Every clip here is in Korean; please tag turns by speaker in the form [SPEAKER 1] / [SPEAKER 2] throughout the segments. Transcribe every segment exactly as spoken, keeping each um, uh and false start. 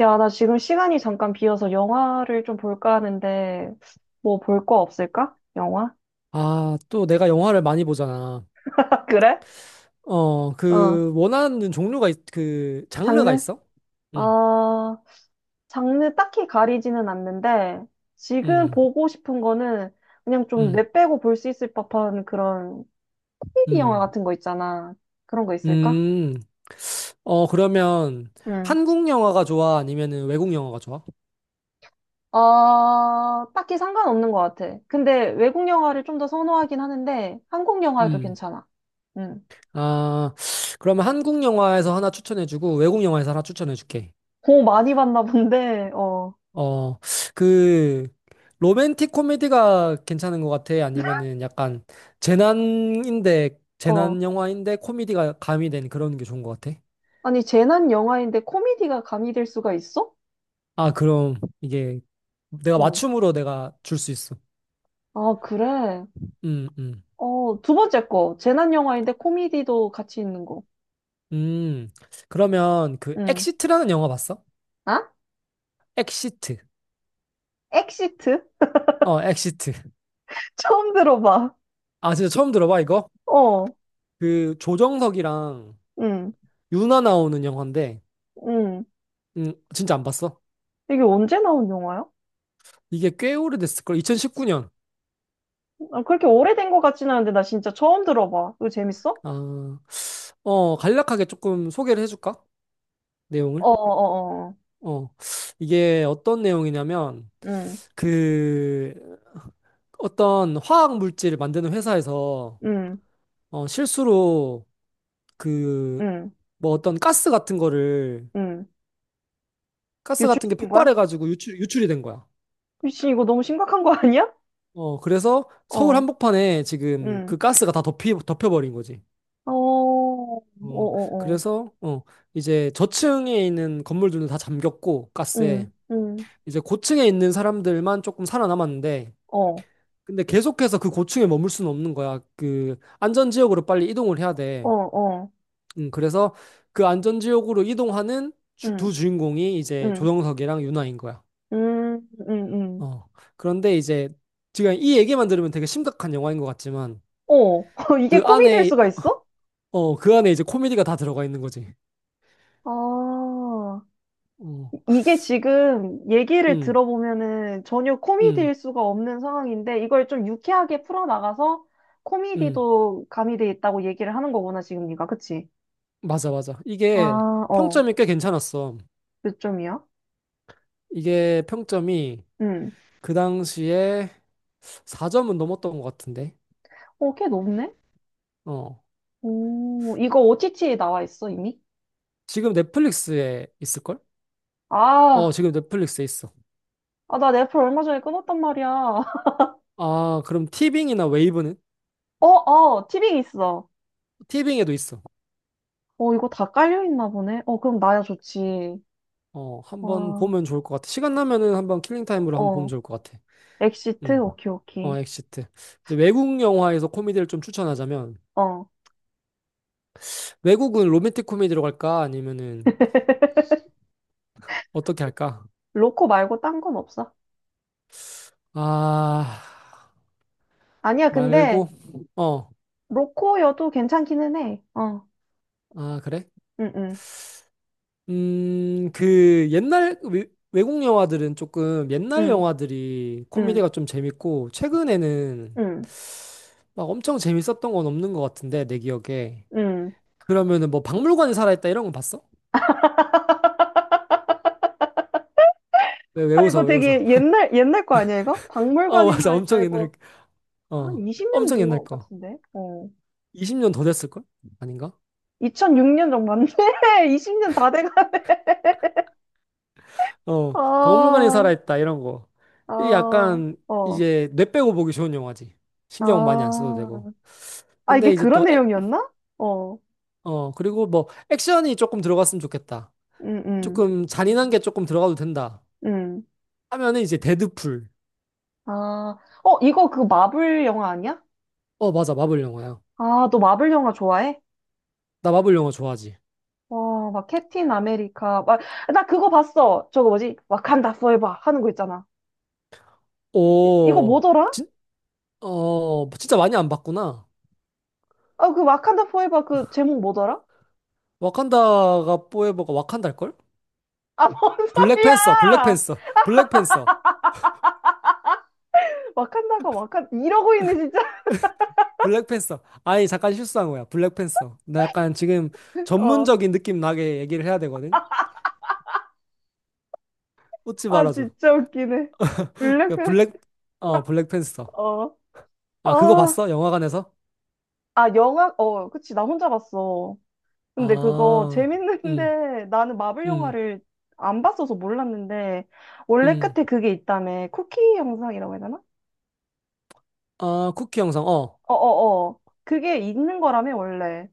[SPEAKER 1] 야, 나 지금 시간이 잠깐 비어서 영화를 좀 볼까 하는데, 뭐 볼 거 없을까? 영화?
[SPEAKER 2] 아, 또 내가 영화를 많이 보잖아.
[SPEAKER 1] 그래?
[SPEAKER 2] 어,
[SPEAKER 1] 어,
[SPEAKER 2] 그, 원하는 종류가, 있, 그, 장르가
[SPEAKER 1] 장르?
[SPEAKER 2] 있어? 응,
[SPEAKER 1] 어, 장르 딱히 가리지는 않는데, 지금
[SPEAKER 2] 응,
[SPEAKER 1] 보고 싶은 거는 그냥 좀
[SPEAKER 2] 응,
[SPEAKER 1] 뇌 빼고 볼 수 있을 법한 그런 코미디 영화
[SPEAKER 2] 응,
[SPEAKER 1] 같은 거 있잖아. 그런 거 있을까?
[SPEAKER 2] 음. 어, 그러면
[SPEAKER 1] 응.
[SPEAKER 2] 한국 영화가 좋아? 아니면은 외국 영화가 좋아?
[SPEAKER 1] 어, 딱히 상관없는 것 같아. 근데 외국 영화를 좀 더 선호하긴 하는데, 한국 영화도
[SPEAKER 2] 음.
[SPEAKER 1] 괜찮아. 응.
[SPEAKER 2] 아, 그러면 한국 영화에서 하나 추천해주고 외국 영화에서 하나 추천해줄게.
[SPEAKER 1] 고 많이 봤나 본데, 어.
[SPEAKER 2] 어, 그, 로맨틱 코미디가 괜찮은 것 같아? 아니면은 약간 재난인데,
[SPEAKER 1] 어.
[SPEAKER 2] 재난 영화인데 코미디가 가미된 그런 게 좋은 것 같아?
[SPEAKER 1] 아니, 재난 영화인데 코미디가 가미될 수가 있어?
[SPEAKER 2] 아, 그럼 이게 내가
[SPEAKER 1] 응.
[SPEAKER 2] 맞춤으로 내가 줄 수 있어.
[SPEAKER 1] 아, 그래.
[SPEAKER 2] 음, 음,
[SPEAKER 1] 어, 두 번째 거. 재난 영화인데 코미디도 같이 있는 거.
[SPEAKER 2] 음. 그러면 그
[SPEAKER 1] 응.
[SPEAKER 2] 엑시트라는 영화 봤어?
[SPEAKER 1] 아?
[SPEAKER 2] 엑시트.
[SPEAKER 1] 엑시트?
[SPEAKER 2] 어, 엑시트.
[SPEAKER 1] 처음 들어봐.
[SPEAKER 2] 아, 진짜 처음 들어봐, 이거?
[SPEAKER 1] 어.
[SPEAKER 2] 그 조정석이랑
[SPEAKER 1] 응.
[SPEAKER 2] 윤아 나오는 영화인데,
[SPEAKER 1] 응.
[SPEAKER 2] 음, 진짜 안 봤어?
[SPEAKER 1] 이게 언제 나온 영화야?
[SPEAKER 2] 이게 꽤 오래됐을걸? 이천십구 년.
[SPEAKER 1] 아, 그렇게 오래된 것 같진 않은데 나 진짜 처음 들어봐. 이거 재밌어?
[SPEAKER 2] 아, 어, 간략하게 조금 소개를 해줄까?
[SPEAKER 1] 어,
[SPEAKER 2] 내용을.
[SPEAKER 1] 어, 어. 어.
[SPEAKER 2] 어, 이게 어떤 내용이냐면,
[SPEAKER 1] 응.
[SPEAKER 2] 그 어떤 화학 물질을 만드는 회사에서
[SPEAKER 1] 응.
[SPEAKER 2] 어, 실수로 그,
[SPEAKER 1] 응.
[SPEAKER 2] 뭐 어떤 가스 같은 거를,
[SPEAKER 1] 응.
[SPEAKER 2] 가스 같은 게
[SPEAKER 1] 유출시킨 거야?
[SPEAKER 2] 폭발해가지고 유출, 유출이 된 거야.
[SPEAKER 1] 미친 이거 너무 심각한 거 아니야?
[SPEAKER 2] 어, 그래서 서울
[SPEAKER 1] 어.
[SPEAKER 2] 한복판에 지금 그
[SPEAKER 1] 응.
[SPEAKER 2] 가스가 다 덮이, 덮여버린 거지.
[SPEAKER 1] 어. 어,
[SPEAKER 2] 어,
[SPEAKER 1] 어, 어.
[SPEAKER 2] 그래서, 어, 이제 저층에 있는 건물들은 다 잠겼고, 가스에.
[SPEAKER 1] 응, 응,
[SPEAKER 2] 이제 고층에 있는 사람들만 조금 살아남았는데,
[SPEAKER 1] 어,
[SPEAKER 2] 근데 계속해서 그 고층에 머물 수는 없는 거야. 그 안전지역으로 빨리 이동을 해야
[SPEAKER 1] 어,
[SPEAKER 2] 돼.
[SPEAKER 1] 어,
[SPEAKER 2] 음, 그래서 그 안전지역으로 이동하는 주-
[SPEAKER 1] 응,
[SPEAKER 2] 두 주인공이 이제
[SPEAKER 1] 응,
[SPEAKER 2] 조정석이랑 윤아인 거야.
[SPEAKER 1] 응, 응, 응.
[SPEAKER 2] 어. 그런데 이제 지금 이 얘기만 들으면 되게 심각한 영화인 것 같지만
[SPEAKER 1] 어, 이게
[SPEAKER 2] 그
[SPEAKER 1] 코미디일
[SPEAKER 2] 안에
[SPEAKER 1] 수가
[SPEAKER 2] 어,
[SPEAKER 1] 있어?
[SPEAKER 2] 어, 그 안에 이제 코미디가 다 들어가 있는 거지.
[SPEAKER 1] 아,
[SPEAKER 2] 어.
[SPEAKER 1] 이게 지금 얘기를
[SPEAKER 2] 음,
[SPEAKER 1] 들어보면은 전혀
[SPEAKER 2] 음,
[SPEAKER 1] 코미디일 수가 없는 상황인데 이걸 좀 유쾌하게 풀어나가서
[SPEAKER 2] 음.
[SPEAKER 1] 코미디도 가미돼 있다고 얘기를 하는 거구나, 지금 네가. 그치?
[SPEAKER 2] 맞아, 맞아.
[SPEAKER 1] 아,
[SPEAKER 2] 이게
[SPEAKER 1] 어,
[SPEAKER 2] 평점이 꽤 괜찮았어.
[SPEAKER 1] 몇 점이야?
[SPEAKER 2] 이게 평점이
[SPEAKER 1] 응.
[SPEAKER 2] 그 당시에 사 점은 넘었던 것 같은데.
[SPEAKER 1] 어, 꽤 높네?
[SPEAKER 2] 어.
[SPEAKER 1] 오, 이거 오티티에 나와 있어, 이미?
[SPEAKER 2] 지금 넷플릭스에 있을걸? 어,
[SPEAKER 1] 아,
[SPEAKER 2] 지금 넷플릭스에 있어.
[SPEAKER 1] 아, 나 넷플 얼마 전에 끊었단 말이야.
[SPEAKER 2] 아, 그럼 티빙이나 웨이브는?
[SPEAKER 1] 어, 어, 티빙 있어.
[SPEAKER 2] 티빙에도 있어.
[SPEAKER 1] 어, 이거 다 깔려있나 보네. 어, 그럼 나야 좋지.
[SPEAKER 2] 어, 한번
[SPEAKER 1] 와,
[SPEAKER 2] 보면 좋을 것 같아. 시간 나면은 한번 킬링 타임으로 한번 보면
[SPEAKER 1] 어.
[SPEAKER 2] 좋을 것 같아.
[SPEAKER 1] 엑시트?
[SPEAKER 2] 음.
[SPEAKER 1] 오케이,
[SPEAKER 2] 어,
[SPEAKER 1] 오케이.
[SPEAKER 2] 엑시트. 이제 외국 영화에서 코미디를 좀 추천하자면
[SPEAKER 1] 어.
[SPEAKER 2] 외국은 로맨틱 코미디로 갈까? 아니면은 어떻게 할까?
[SPEAKER 1] 로코 말고 딴 건 없어.
[SPEAKER 2] 아,
[SPEAKER 1] 아니야, 근데
[SPEAKER 2] 말고 어.
[SPEAKER 1] 로코여도 괜찮기는 해. 어.
[SPEAKER 2] 아, 그래?
[SPEAKER 1] 응, 응,
[SPEAKER 2] 음, 그 옛날 외, 외국 영화들은 조금 옛날
[SPEAKER 1] 응,
[SPEAKER 2] 영화들이
[SPEAKER 1] 응,
[SPEAKER 2] 코미디가 좀 재밌고 최근에는
[SPEAKER 1] 응,
[SPEAKER 2] 막 엄청 재밌었던 건 없는 것 같은데 내 기억에.
[SPEAKER 1] 응.
[SPEAKER 2] 그러면은 뭐 박물관에 살아있다 이런 거 봤어? 왜, 왜
[SPEAKER 1] 아,
[SPEAKER 2] 웃어,
[SPEAKER 1] 이거
[SPEAKER 2] 왜 웃어?
[SPEAKER 1] 되게 옛날, 옛날 거 아니야, 이거?
[SPEAKER 2] 어,
[SPEAKER 1] 박물관이
[SPEAKER 2] 맞아.
[SPEAKER 1] 살아있다,
[SPEAKER 2] 엄청 옛날,
[SPEAKER 1] 이거. 한
[SPEAKER 2] 어,
[SPEAKER 1] 이십 년
[SPEAKER 2] 엄청
[SPEAKER 1] 된
[SPEAKER 2] 옛날
[SPEAKER 1] 것
[SPEAKER 2] 거.
[SPEAKER 1] 같은데? 어.
[SPEAKER 2] 이십 년 더 됐을걸? 아닌가?
[SPEAKER 1] 이천육 년 정도 맞네? 이십 년 다 돼가네.
[SPEAKER 2] 어, 박물관에
[SPEAKER 1] 아,
[SPEAKER 2] 살아있다 이런 거. 이
[SPEAKER 1] 아,
[SPEAKER 2] 약간
[SPEAKER 1] 어.
[SPEAKER 2] 이제 뇌 빼고 보기 좋은 영화지.
[SPEAKER 1] 아,
[SPEAKER 2] 신경 많이 안 써도 되고.
[SPEAKER 1] 아, 이게
[SPEAKER 2] 근데 이제
[SPEAKER 1] 그런
[SPEAKER 2] 또, 액,
[SPEAKER 1] 내용이었나? 어,
[SPEAKER 2] 어, 그리고 뭐 액션이 조금 들어갔으면 좋겠다.
[SPEAKER 1] 응응
[SPEAKER 2] 조금 잔인한 게 조금 들어가도 된다.
[SPEAKER 1] 응 응.
[SPEAKER 2] 하면은 이제 데드풀.
[SPEAKER 1] 아, 어, 이거 그 마블 영화 아니야?
[SPEAKER 2] 어, 맞아. 마블 영화야.
[SPEAKER 1] 아, 너 마블 영화 좋아해?
[SPEAKER 2] 나 마블 영화 좋아하지.
[SPEAKER 1] 와, 막 캡틴 아메리카, 막, 나 그거 봤어. 저거 뭐지? 와칸다 포에버 하는 거 있잖아. 이, 이거
[SPEAKER 2] 오,
[SPEAKER 1] 뭐더라?
[SPEAKER 2] 진, 어, 진짜 많이 안 봤구나.
[SPEAKER 1] 아, 그 와칸다 포에버 그 제목 뭐더라?
[SPEAKER 2] 와칸다가 포에버가 와칸달걸?
[SPEAKER 1] 아, 뭔
[SPEAKER 2] 블랙팬서,
[SPEAKER 1] 소리야!
[SPEAKER 2] 블랙팬서, 블랙팬서,
[SPEAKER 1] 와칸다가 와칸, 이러고 있네, 진짜.
[SPEAKER 2] 블랙팬서. 아니, 잠깐 실수한 거야. 블랙팬서. 나 약간 지금
[SPEAKER 1] 어,
[SPEAKER 2] 전문적인 느낌 나게 얘기를 해야 되거든? 웃지
[SPEAKER 1] 아,
[SPEAKER 2] 말아줘.
[SPEAKER 1] 진짜 웃기네.
[SPEAKER 2] 그
[SPEAKER 1] 블랙팬,
[SPEAKER 2] 블랙, 어, 블랙팬서.
[SPEAKER 1] 어,
[SPEAKER 2] 아, 그거
[SPEAKER 1] 아,
[SPEAKER 2] 봤어? 영화관에서?
[SPEAKER 1] 아, 영화, 어, 그치, 나 혼자 봤어. 근데 그거
[SPEAKER 2] 아, 음,
[SPEAKER 1] 재밌는데 나는 마블
[SPEAKER 2] 음,
[SPEAKER 1] 영화를 안 봤어서 몰랐는데 원래
[SPEAKER 2] 음.
[SPEAKER 1] 끝에 그게 있다며 쿠키 영상이라고 해야 되나?
[SPEAKER 2] 아, 쿠키 영상, 어.
[SPEAKER 1] 어어어 그게 있는 거라며 원래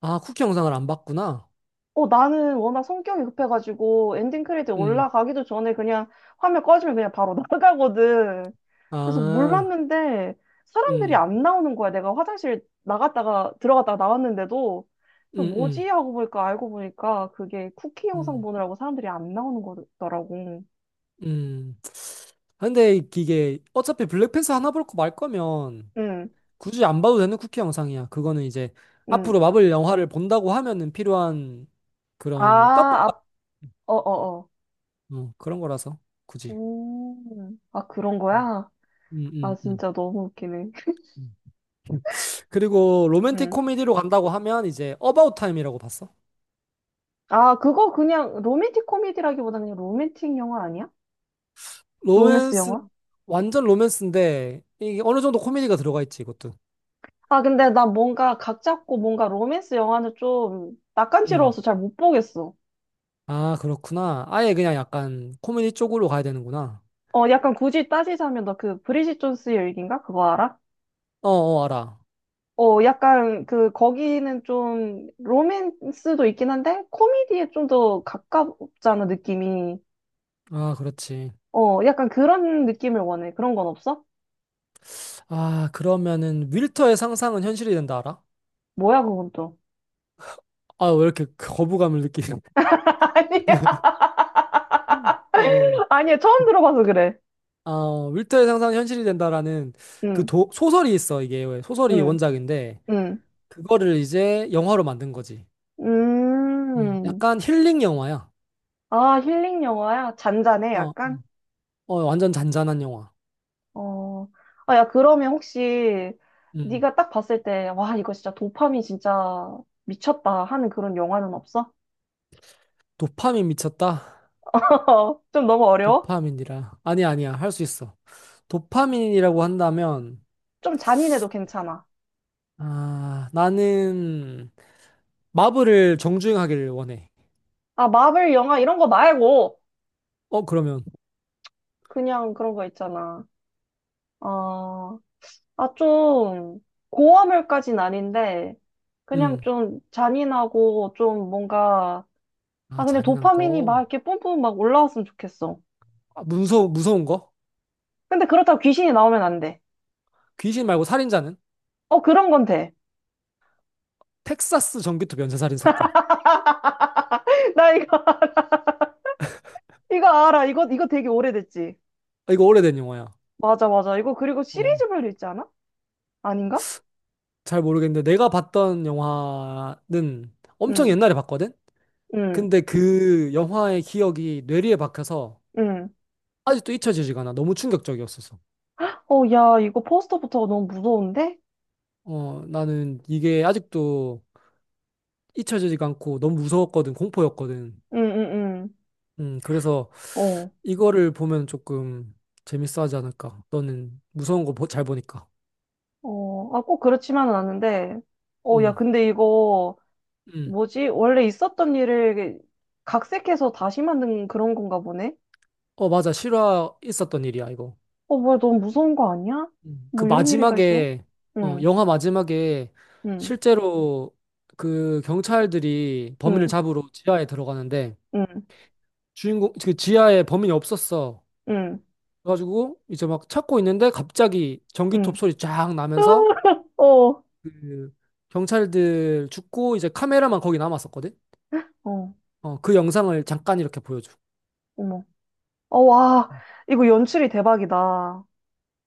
[SPEAKER 2] 아, 쿠키 영상을 안 봤구나.
[SPEAKER 1] 어 나는 워낙 성격이 급해가지고 엔딩 크레딧
[SPEAKER 2] 음,
[SPEAKER 1] 올라가기도 전에 그냥 화면 꺼지면 그냥 바로 나가거든 그래서
[SPEAKER 2] 아,
[SPEAKER 1] 몰랐는데 사람들이
[SPEAKER 2] 응
[SPEAKER 1] 안 나오는 거야 내가 화장실 나갔다가 들어갔다가 나왔는데도 또
[SPEAKER 2] 음,
[SPEAKER 1] 뭐지
[SPEAKER 2] 음,
[SPEAKER 1] 하고 보니까 알고 보니까 그게 쿠키 영상
[SPEAKER 2] 음,
[SPEAKER 1] 보느라고 사람들이 안 나오는 거더라고.
[SPEAKER 2] 음. 근데 이게 어차피 블랙팬서 하나 볼 거 말 거면
[SPEAKER 1] 응,
[SPEAKER 2] 굳이 안 봐도 되는 쿠키 영상이야. 그거는 이제
[SPEAKER 1] 응.
[SPEAKER 2] 앞으로 마블 영화를 본다고 하면은 필요한
[SPEAKER 1] 아,
[SPEAKER 2] 그런 떡밥
[SPEAKER 1] 앞, 어, 어, 어.
[SPEAKER 2] 어, 그런 거라서 굳이.
[SPEAKER 1] 음, 아, 그런 거야?
[SPEAKER 2] 음,
[SPEAKER 1] 아,
[SPEAKER 2] 음, 음.
[SPEAKER 1] 진짜 너무 웃기네.
[SPEAKER 2] 음. 그리고 로맨틱
[SPEAKER 1] 응.
[SPEAKER 2] 코미디로 간다고 하면 이제 어바웃 타임이라고 봤어.
[SPEAKER 1] 아, 그거 그냥 로맨틱 코미디라기보다는 그냥 로맨틱 영화 아니야? 로맨스
[SPEAKER 2] 로맨스
[SPEAKER 1] 영화?
[SPEAKER 2] 완전 로맨스인데 이게 어느 정도 코미디가 들어가 있지 이것도.
[SPEAKER 1] 아, 근데 나 뭔가 각 잡고 뭔가 로맨스 영화는 좀
[SPEAKER 2] 음.
[SPEAKER 1] 낯간지러워서 잘 못 보겠어.
[SPEAKER 2] 아, 그렇구나. 아예 그냥 약간 코미디 쪽으로 가야 되는구나.
[SPEAKER 1] 어, 약간 굳이 따지자면 너 그 브리짓 존스의 일기인가? 그거 알아?
[SPEAKER 2] 어, 어, 알아.
[SPEAKER 1] 어, 약간 그 거기는 좀 로맨스도 있긴 한데 코미디에 좀 더 가깝잖아, 느낌이.
[SPEAKER 2] 아, 그렇지.
[SPEAKER 1] 어, 약간 그런 느낌을 원해. 그런 건 없어?
[SPEAKER 2] 아, 그러면은 윌터의 상상은 현실이 된다 알아?
[SPEAKER 1] 뭐야, 그건 또.
[SPEAKER 2] 아, 왜 이렇게 거부감을 느끼지?
[SPEAKER 1] 아니야,
[SPEAKER 2] 어,
[SPEAKER 1] 아니야. 처음 들어봐서 그래.
[SPEAKER 2] 아, 윌터의 상상이 현실이 된다라는 그
[SPEAKER 1] 응,
[SPEAKER 2] 도- 소설이 있어, 이게. 소설이
[SPEAKER 1] 응,
[SPEAKER 2] 원작인데,
[SPEAKER 1] 응.
[SPEAKER 2] 그거를 이제 영화로 만든 거지. 어,
[SPEAKER 1] 음.
[SPEAKER 2] 약간 힐링 영화야.
[SPEAKER 1] 아, 힐링 영화야? 잔잔해,
[SPEAKER 2] 어,
[SPEAKER 1] 약간?
[SPEAKER 2] 어, 완전 잔잔한 영화.
[SPEAKER 1] 어. 아, 야, 그러면 혹시
[SPEAKER 2] 음.
[SPEAKER 1] 네가 딱 봤을 때, 와, 이거 진짜 도파민 진짜 미쳤다 하는 그런 영화는 없어?
[SPEAKER 2] 도파민 미쳤다?
[SPEAKER 1] 좀 너무 어려워?
[SPEAKER 2] 도파민이라. 아니야, 아니야. 할 수 있어. 도파민이라고 한다면,
[SPEAKER 1] 좀 잔인해도 괜찮아.
[SPEAKER 2] 아, 나는 마블을 정주행하기를 원해.
[SPEAKER 1] 아, 마블 영화 이런 거 말고
[SPEAKER 2] 어, 그러면,
[SPEAKER 1] 그냥 그런 거 있잖아. 어, 아, 좀, 고화물까진 아닌데, 그냥
[SPEAKER 2] 음.
[SPEAKER 1] 좀 잔인하고, 좀 뭔가,
[SPEAKER 2] 아,
[SPEAKER 1] 아, 그냥
[SPEAKER 2] 잔인한
[SPEAKER 1] 도파민이 막
[SPEAKER 2] 거.
[SPEAKER 1] 이렇게 뿜뿜 막 올라왔으면 좋겠어.
[SPEAKER 2] 아, 무서, 무서운 거?
[SPEAKER 1] 근데 그렇다고 귀신이 나오면 안 돼.
[SPEAKER 2] 귀신 말고 살인자는?
[SPEAKER 1] 어, 그런 건 돼.
[SPEAKER 2] 텍사스 전기톱 연쇄살인 사건.
[SPEAKER 1] 나 이거, 이거 알아. 이거, 이거 되게 오래됐지.
[SPEAKER 2] 아, 이거 오래된 영화야.
[SPEAKER 1] 맞아, 맞아. 이거 그리고
[SPEAKER 2] 어,
[SPEAKER 1] 시리즈별로 있지 않아? 아닌가?
[SPEAKER 2] 잘 모르겠는데 내가 봤던 영화는 엄청
[SPEAKER 1] 응,
[SPEAKER 2] 옛날에 봤거든?
[SPEAKER 1] 응,
[SPEAKER 2] 근데 그 영화의 기억이 뇌리에 박혀서
[SPEAKER 1] 응.
[SPEAKER 2] 아직도 잊혀지지가 않아. 너무 충격적이었어서.
[SPEAKER 1] 어, 야, 이거 포스터부터가 너무 무서운데?
[SPEAKER 2] 어, 나는 이게 아직도 잊혀지지가 않고 너무 무서웠거든. 공포였거든.
[SPEAKER 1] 응, 응,
[SPEAKER 2] 음, 그래서
[SPEAKER 1] 응. 어,
[SPEAKER 2] 이거를 보면 조금 재밌어 하지 않을까. 너는 무서운 거 잘 보니까.
[SPEAKER 1] 어, 아, 꼭 그렇지만은 않은데. 어,
[SPEAKER 2] 음,
[SPEAKER 1] 야, 근데 이거,
[SPEAKER 2] 음.
[SPEAKER 1] 뭐지? 원래 있었던 일을 각색해서 다시 만든 그런 건가 보네?
[SPEAKER 2] 어, 맞아. 실화 있었던 일이야, 이거.
[SPEAKER 1] 어, 뭐야, 너무 무서운 거 아니야?
[SPEAKER 2] 음. 그
[SPEAKER 1] 뭐 이런 일이 다 있어?
[SPEAKER 2] 마지막에, 어,
[SPEAKER 1] 응,
[SPEAKER 2] 영화 마지막에
[SPEAKER 1] 응,
[SPEAKER 2] 실제로 그 경찰들이 범인을
[SPEAKER 1] 응,
[SPEAKER 2] 잡으러 지하에 들어가는데
[SPEAKER 1] 응,
[SPEAKER 2] 주인공, 그 지하에 범인이 없었어.
[SPEAKER 1] 응,
[SPEAKER 2] 그래가지고 이제 막 찾고 있는데 갑자기 전기톱
[SPEAKER 1] 응.
[SPEAKER 2] 소리 쫙 나면서
[SPEAKER 1] 어,
[SPEAKER 2] 그 경찰들 죽고 이제 카메라만 거기 남았었거든?
[SPEAKER 1] 어,
[SPEAKER 2] 어, 그 영상을 잠깐 이렇게 보여줘.
[SPEAKER 1] 어머. 어, 와, 이거 연출이 대박이다.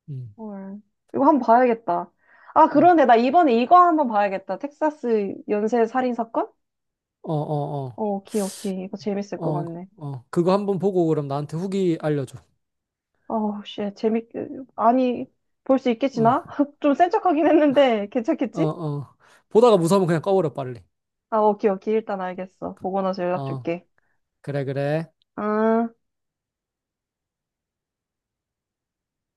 [SPEAKER 2] 음.
[SPEAKER 1] 헐. 이거 한 번 봐야겠다. 아,
[SPEAKER 2] 어,
[SPEAKER 1] 그런데 나 이번에 이거 한 번 봐야겠다. 텍사스 연쇄 살인 사건?
[SPEAKER 2] 어,
[SPEAKER 1] 어,
[SPEAKER 2] 어,
[SPEAKER 1] 오케이, 오케이. 이거 재밌을 것
[SPEAKER 2] 어,
[SPEAKER 1] 같네.
[SPEAKER 2] 어, 그거 한번 보고 그럼 나한테 후기 알려줘.
[SPEAKER 1] 어우 씨, 재밌게. 아니, 볼 수 있겠지나?
[SPEAKER 2] 어,
[SPEAKER 1] 좀 센 척하긴 했는데,
[SPEAKER 2] 어,
[SPEAKER 1] 괜찮겠지?
[SPEAKER 2] 어. 보다가 무서우면 그냥 꺼버려, 빨리.
[SPEAKER 1] 아, 오케이, 오케이. 일단 알겠어. 보고 나서 연락
[SPEAKER 2] 어,
[SPEAKER 1] 줄게.
[SPEAKER 2] 그래, 그래.
[SPEAKER 1] 응.